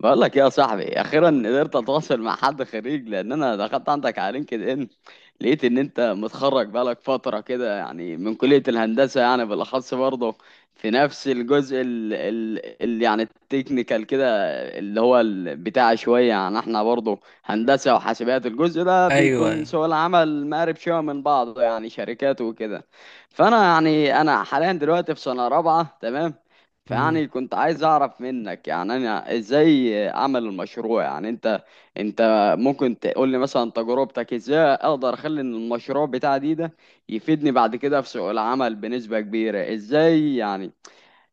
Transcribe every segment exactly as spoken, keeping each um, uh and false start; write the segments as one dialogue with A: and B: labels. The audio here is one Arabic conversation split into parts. A: بقول لك إيه يا صاحبي؟ اخيرا قدرت اتواصل مع حد خريج، لان انا دخلت عندك على لينكد ان، لقيت ان انت متخرج بقالك فتره كده يعني، من كليه الهندسه، يعني بالاخص برضه في نفس الجزء ال ال ال يعني التكنيكال كده، اللي هو ال- بتاع شويه. يعني احنا برضه هندسه وحاسبات، الجزء ده
B: ايوه،
A: بيكون
B: ايوه.
A: سوق العمل مقارب شويه من بعضه، يعني شركات وكده. فانا يعني انا حاليا دلوقتي في سنه رابعه، تمام.
B: امم
A: فيعني كنت عايز اعرف منك، يعني انا ازاي اعمل المشروع؟ يعني انت انت ممكن تقول لي مثلا تجربتك؟ ازاي اقدر اخلي إن المشروع بتاعي دي ده يفيدني بعد كده في سوق العمل بنسبة كبيرة؟ ازاي يعني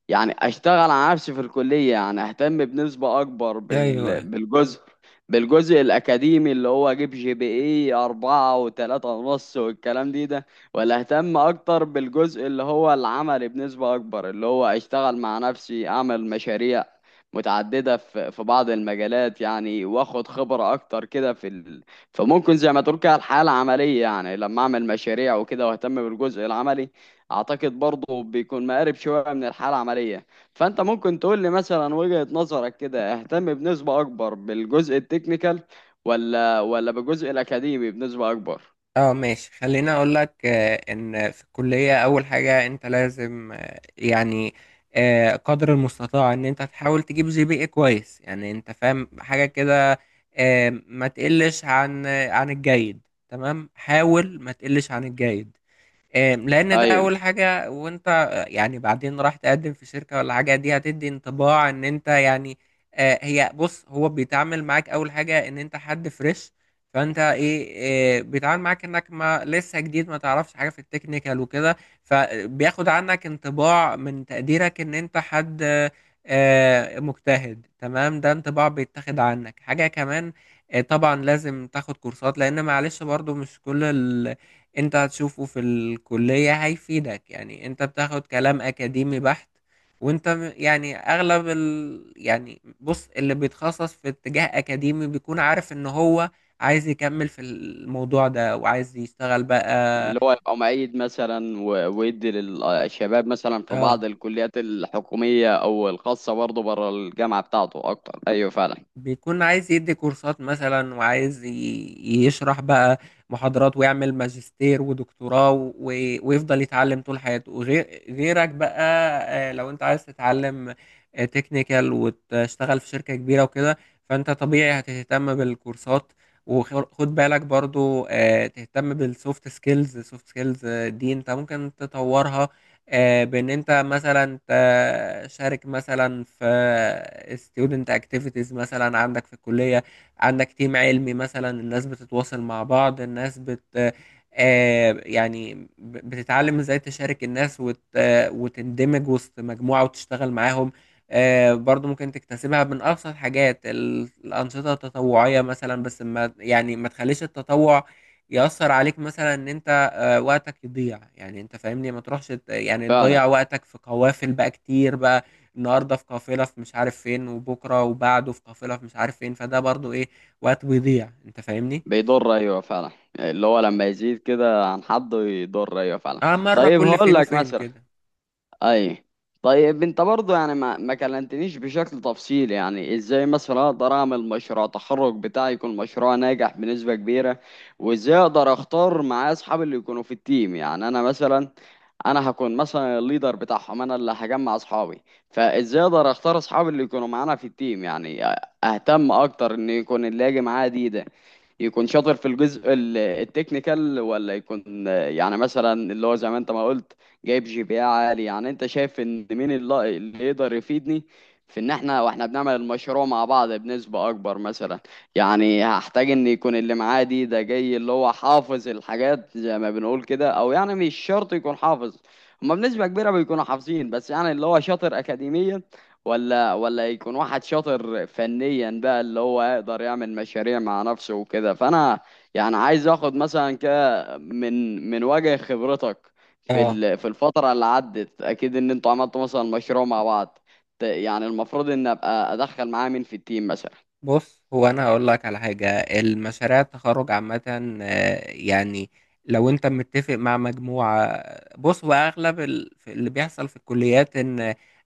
A: يعني اشتغل على نفسي في الكلية، يعني اهتم بنسبة اكبر
B: ايوه،
A: بال...
B: ايوه.
A: بالجزء بالجزء الاكاديمي، اللي هو اجيب جي بي اي اربعة وتلاتة ونص والكلام دي ده، ولا اهتم اكتر بالجزء اللي هو العملي بنسبة اكبر، اللي هو اشتغل مع نفسي، اعمل مشاريع متعددة في في بعض المجالات، يعني واخد خبرة اكتر كده في ال... فممكن زي ما تقول كده الحياة العملية، يعني لما اعمل مشاريع وكده واهتم بالجزء العملي، اعتقد برضه بيكون مقارب شويه من الحاله العمليه. فانت ممكن تقول لي مثلا وجهه نظرك كده، اهتم بنسبه اكبر بالجزء التكنيكال، ولا ولا بالجزء الاكاديمي بنسبه اكبر؟
B: اه، ماشي، خليني اقول لك، آه، ان في الكليه اول حاجه انت لازم، آه، يعني آه، قدر المستطاع ان انت تحاول تجيب جي بي اي كويس، يعني انت فاهم حاجه كده. آه، ما تقلش عن، آه، عن الجيد. تمام، حاول ما تقلش عن الجيد. آم، لان ده
A: ايوه،
B: اول حاجه، وانت آه، يعني بعدين راح تقدم في شركه ولا حاجه، دي هتدي انطباع ان انت، يعني آه، هي، بص، هو بيتعامل معاك اول حاجه ان انت حد فريش. فانت ايه، آه، بيتعامل معاك انك ما لسه جديد، ما تعرفش حاجه في التكنيكال وكده. فبياخد عنك انطباع من تقديرك ان انت حد آه، آه، مجتهد. تمام، ده انطباع بيتاخد عنك. حاجه كمان، آه، طبعا لازم تاخد كورسات، لان معلش برضو مش كل انت هتشوفه في الكلية هيفيدك. يعني انت بتاخد كلام اكاديمي بحت، وانت م- يعني اغلب ال... يعني بص، اللي بيتخصص في اتجاه اكاديمي بيكون عارف ان هو عايز يكمل في الموضوع ده وعايز يشتغل بقى.
A: اللي هو يبقى معيد مثلا و- ويدي للشباب مثلا في بعض
B: اه،
A: الكليات الحكوميه او الخاصه، برضه بره الجامعه بتاعته اكتر، ايوه فعلا.
B: بيكون عايز يدي كورسات مثلا، وعايز ي- يشرح بقى محاضرات، ويعمل ماجستير ودكتوراه، و- ويفضل يتعلم طول حياته وغير غيرك بقى. آه، لو انت عايز تتعلم تكنيكال وتشتغل في شركة كبيرة وكده، فانت طبيعي هتهتم بالكورسات. وخد بالك برضو، آه، تهتم بالسوفت سكيلز. السوفت سكيلز دي انت ممكن تطورها آه، بان انت مثلا تشارك مثلا في student activities مثلا عندك في الكلية. عندك تيم علمي مثلا، الناس بتتواصل مع بعض، الناس بت آه، يعني ب- بتتعلم ازاي تشارك الناس، وت آه، وتندمج وسط مجموعة وتشتغل معاهم. آه، برضو ممكن تكتسبها من أبسط حاجات، ال- الأنشطة التطوعية مثلا. بس ما يعني ما تخليش التطوع يأثر عليك، مثلا إن أنت وقتك يضيع. يعني انت فاهمني، ما تروحش ت- يعني تضيع
A: فعلا
B: وقتك في قوافل بقى كتير بقى. النهارده في قافله في مش عارف فين، وبكره وبعده في قافله في مش عارف فين. فده برضو ايه، وقت بيضيع، انت فاهمني.
A: بيضر، ايوه فعلا. اللي هو لما يزيد كده عن حده يضر، ايوه فعلا.
B: اه، مره
A: طيب
B: كل
A: هقول
B: فين
A: لك
B: وفين
A: مثلا،
B: كده.
A: اي، طيب انت برضه يعني ما ما كلمتنيش بشكل تفصيلي، يعني ازاي مثلا اقدر اعمل مشروع تخرج بتاعي يكون مشروع ناجح بنسبة كبيرة؟ وازاي اقدر اختار معايا اصحابي اللي يكونوا في التيم؟ يعني انا مثلا انا هكون مثلا الليدر بتاعهم، انا اللي هجمع اصحابي. فازاي اقدر اختار اصحابي اللي يكونوا معانا في التيم؟ يعني اهتم اكتر ان يكون اللي هاجي معايا دي يكون شاطر في الجزء ال- التكنيكال، ولا يكون، آه، يعني مثلا اللي هو زي ما انت ما قلت، جايب جي بي اي عالي؟ يعني انت شايف ان مين اللي اللي يقدر يفيدني في ان احنا واحنا بنعمل المشروع مع بعض بنسبة اكبر مثلا؟ يعني هحتاج ان يكون اللي معاه دي ده جاي اللي هو حافظ الحاجات زي ما بنقول كده، او يعني مش شرط يكون حافظ، هما بنسبة كبيرة بيكونوا حافظين، بس يعني اللي هو شاطر اكاديميا، ولا ولا يكون واحد شاطر فنيا بقى، اللي هو يقدر يعمل مشاريع مع نفسه وكده. فانا يعني عايز اخد مثلا كده من من وجه خبرتك في
B: اه،
A: ال- في الفترة اللي عدت، اكيد ان انتوا عملتوا مثلا مشروع مع بعض، ت- يعني المفروض ان ابقى ادخل معاه مين في التيم مثلا؟
B: بص، هو انا هقول لك على حاجه. المشاريع التخرج عامه، آه، يعني لو انت متفق مع مجموعه. بص، هو اغلب ال- في اللي بيحصل في الكليات ان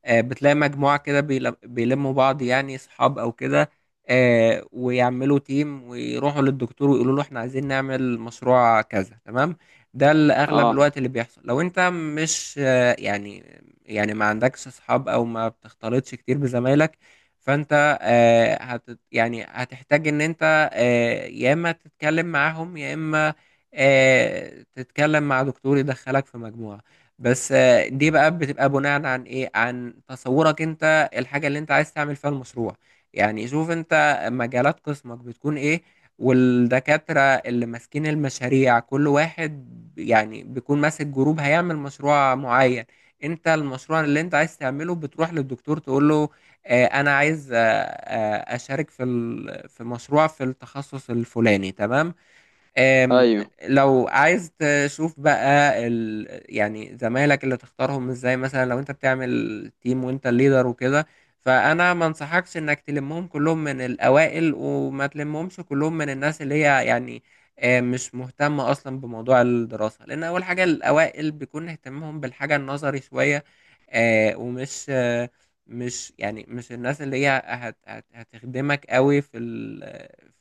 B: آه، بتلاقي مجموعه كده بيل- بيلموا بعض، يعني اصحاب او كده، آه، ويعملوا تيم، ويروحوا للدكتور ويقولوا له احنا عايزين نعمل مشروع كذا، تمام. ده اللي اغلب
A: اه.
B: الوقت اللي بيحصل. لو انت مش آه، يعني يعني ما عندكش اصحاب، او ما بتختلطش كتير بزمايلك، فانت آه، هت يعني هتحتاج ان انت آه، يا اما تتكلم معاهم، يا اما آه، تتكلم مع دكتور يدخلك في مجموعة. بس آه، دي بقى بتبقى بناء عن، ايه، عن تصورك انت، الحاجة اللي انت عايز تعمل فيها المشروع. يعني شوف انت مجالات قسمك بتكون ايه، والدكاترة اللي ماسكين المشاريع كل واحد يعني بيكون ماسك جروب هيعمل مشروع معين. انت المشروع اللي انت عايز تعمله بتروح للدكتور تقول له، آه، انا عايز آه، آه، اشارك في ال- في مشروع في التخصص الفلاني، تمام. آم،
A: ايوه،
B: لو عايز تشوف بقى ال... يعني زمايلك اللي تختارهم ازاي، مثلا لو انت بتعمل تيم وانت الليدر وكده، فانا ما انصحكش انك تلمهم كلهم من الاوائل، وما تلمهمش كلهم من الناس اللي هي يعني آه، مش مهتمة اصلا بموضوع الدراسة. لان اول حاجة، الاوائل بيكون اهتمامهم بالحاجة النظري شوية، آه، ومش آه، مش يعني مش الناس اللي هي هت... هت... هتخدمك قوي في ال...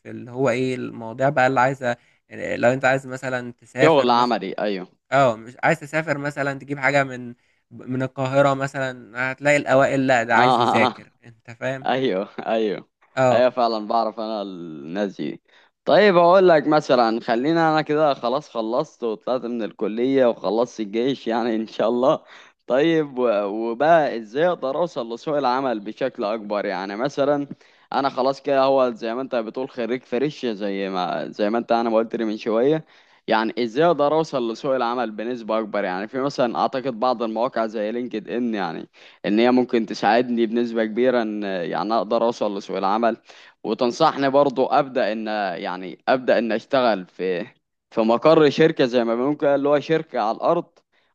B: في اللي هو ايه، المواضيع بقى اللي عايزة. يعني لو انت عايز مثلا تسافر
A: شغل
B: مثلا،
A: عملي، ايوه.
B: اه مش عايز تسافر مثلا تجيب حاجة من من القاهرة مثلا، هتلاقي الأوائل، لا
A: اه.
B: ده عايز يذاكر، انت فاهم.
A: ايوه، ايوه،
B: اه،
A: ايوه فعلا، بعرف انا الناس دي. طيب اقول لك مثلا، خلينا، انا كده خلاص خلصت وطلعت من الكلية وخلصت الجيش يعني ان شاء الله. طيب و- وبقى ازاي اقدر اوصل لسوق العمل بشكل اكبر؟ يعني مثلا انا خلاص كده، هو زي ما انت بتقول خريج فريش، زي ما زي ما انت انا ما قلت لي من شوية. يعني ازاي اقدر اوصل لسوق العمل بنسبة اكبر؟ يعني في مثلا اعتقد بعض المواقع زي لينكد ان يعني، ان هي ممكن تساعدني بنسبة كبيرة ان يعني اقدر اوصل لسوق العمل. وتنصحني برضو ابدا ان، يعني ابدا ان اشتغل في في مقر شركة زي ما ممكن اللي هو شركة على الارض،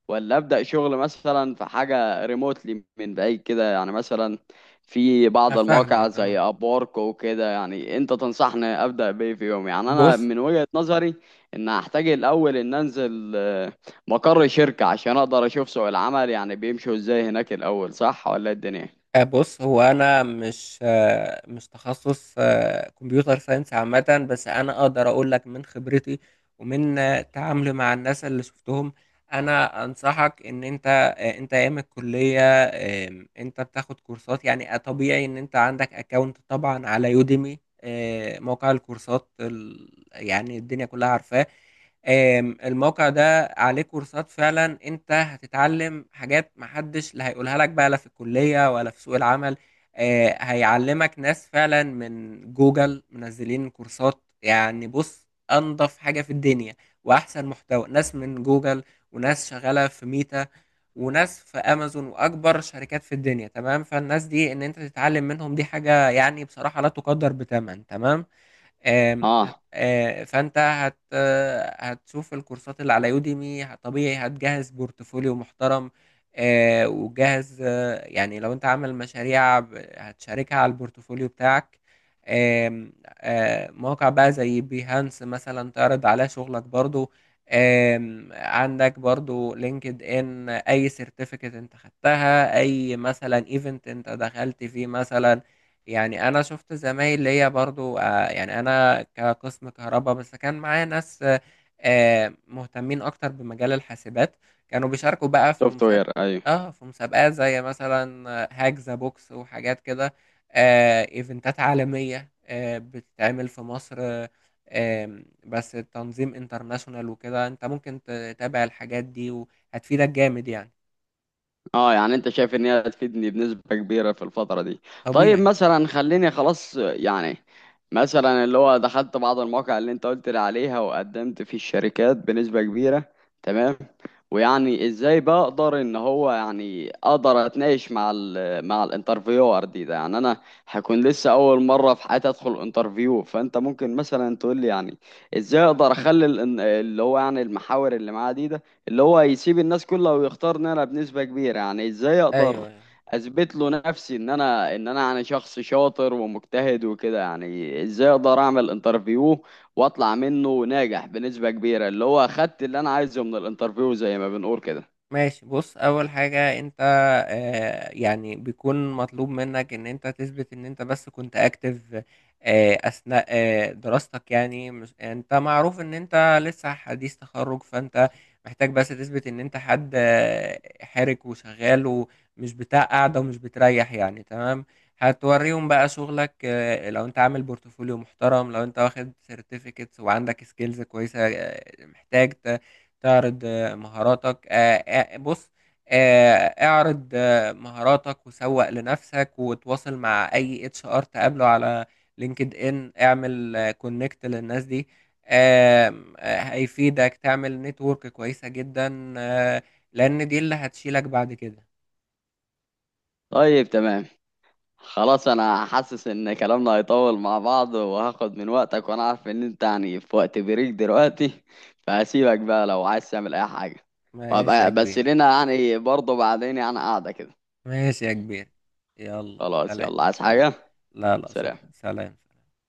A: ولا ابدا شغل مثلا في حاجة ريموتلي من بعيد كده؟ يعني مثلا في
B: انا
A: بعض المواقع
B: فاهمك. اه،
A: زي ابورك وكده، يعني انت تنصحني ابدا بايه في يوم؟ يعني انا
B: بص،
A: من وجهة نظري ان هحتاج الاول ان انزل مقر الشركة عشان أقدر أشوف سوق العمل يعني بيمشوا إزاي هناك الأول، صح ولا إيه الدنيا؟
B: آه، بص، هو انا مش، آه، مش تخصص آه، كمبيوتر ساينس عامه، بس انا اقدر اقول لك من خبرتي ومن آه، تعاملي مع الناس اللي شفتهم. انا انصحك ان انت، آه، انت ايام الكليه. آم، انت بتاخد كورسات، يعني آه، طبيعي ان انت عندك اكونت طبعا على يوديمي، موقع الكورسات ال- يعني الدنيا كلها عارفاه. آم، الموقع ده عليه كورسات فعلا. انت هتتعلم حاجات محدش لا هيقولها لك بقى، لا في الكلية ولا في سوق العمل. آه، هيعلمك ناس فعلا من جوجل منزلين كورسات. يعني بص، انضف حاجة في الدنيا واحسن محتوى، ناس من جوجل، وناس شغالة في ميتا، وناس في امازون، واكبر شركات في الدنيا. تمام، فالناس دي ان انت تتعلم منهم دي حاجة يعني بصراحة لا تقدر بثمن. تمام، آم، هت-
A: آه،
B: آه، فانت هت هتشوف الكورسات اللي على يوديمي. طبيعي هتجهز بورتفوليو محترم. آه، وتجهز آه، يعني لو انت عامل مشاريع ب- هتشاركها على البورتفوليو بتاعك. آم، آه، مواقع بقى زي بيهانس مثلا، تعرض عليها شغلك برضو. آم، عندك برضو لينكد ان، اي سيرتيفيكت انت خدتها، اي مثلا ايفنت انت دخلت فيه مثلا. يعني انا شفت زمايل ليا برضو، آه، يعني انا كقسم كهرباء، بس كان معايا ناس آه، آه، مهتمين اكتر بمجال الحاسبات، كانوا بيشاركوا بقى في
A: سوفت وير،
B: مسابقة.
A: أيوه.
B: اه، في مسابقات زي مثلا آه، هاك ذا بوكس وحاجات كده. آه، ايفنتات عالمية آه، بتتعمل في مصر، آه، آم، بس تنظيم انترناشونال وكده، انت ممكن تتابع الحاجات دي وهتفيدك جامد يعني.
A: اه يعني انت شايف ان هي هتفيدني بنسبة كبيرة في الفترة دي؟ طيب
B: طبيعي.
A: مثلا خليني خلاص يعني، مثلا اللي هو دخلت بعض المواقع اللي انت قلت لي عليها وقدمت في الشركات بنسبة كبيرة، تمام. ويعني ازاي بقدر ان هو، يعني اقدر اتناقش مع ال مع الانترفيور دي ده؟ يعني انا هكون لسه اول مرة في حياتي ادخل انترفيو. فانت ممكن مثلا تقول لي يعني، ازاي اقدر اخلي ال- اللي هو يعني المحاور اللي معاه دي ده، اللي هو يسيب الناس كلها ويختار ان انا بنسبة كبيرة؟ يعني ازاي
B: ايوه،
A: اقدر
B: أيوة.
A: اثبت له نفسي ان انا ان انا يعني شخص شاطر ومجتهد وكده؟ يعني ازاي اقدر اعمل انترفيو واطلع منه ناجح بنسبة كبيرة، اللي هو اخدت اللي انا عايزه من الانترفيو زي ما بنقول كده؟
B: ماشي، بص، اول حاجة انت آه يعني بيكون مطلوب منك ان انت تثبت ان انت بس كنت اكتف آه اثناء آه دراستك. يعني مش انت معروف ان انت لسه حديث تخرج، فانت محتاج بس تثبت ان انت حد آه حرك وشغال ومش بتاع قاعدة ومش بتريح يعني. تمام، هتوريهم بقى شغلك. آه لو انت عامل بورتفوليو محترم، لو انت واخد سيرتيفيكتس وعندك سكيلز كويسة، آه محتاج ت- تعرض مهاراتك. آه، آه، بص، آه، اعرض آه، مهاراتك وسوق لنفسك، وتواصل مع اي اتش ار تقابله على لينكد ان. اعمل كونكت للناس دي. آم، آه، هيفيدك تعمل نتورك كويسة جدا، آه، لان دي اللي هتشيلك بعد كده.
A: طيب، تمام. خلاص انا حاسس ان كلامنا هيطول مع بعض وهاخد من وقتك، وانا عارف ان انت يعني في وقت بريك دلوقتي، فهسيبك بقى لو عايز تعمل اي حاجة.
B: ماشي يا
A: وابقى بس
B: كبير.
A: لنا يعني برضه بعدين، يعني قاعدة كده.
B: ماشي يا كبير، يلا
A: خلاص
B: سلام.
A: يلا، عايز
B: سلام.
A: حاجة؟
B: لا، لا،
A: سلام.
B: شكرا، سلام. سلام.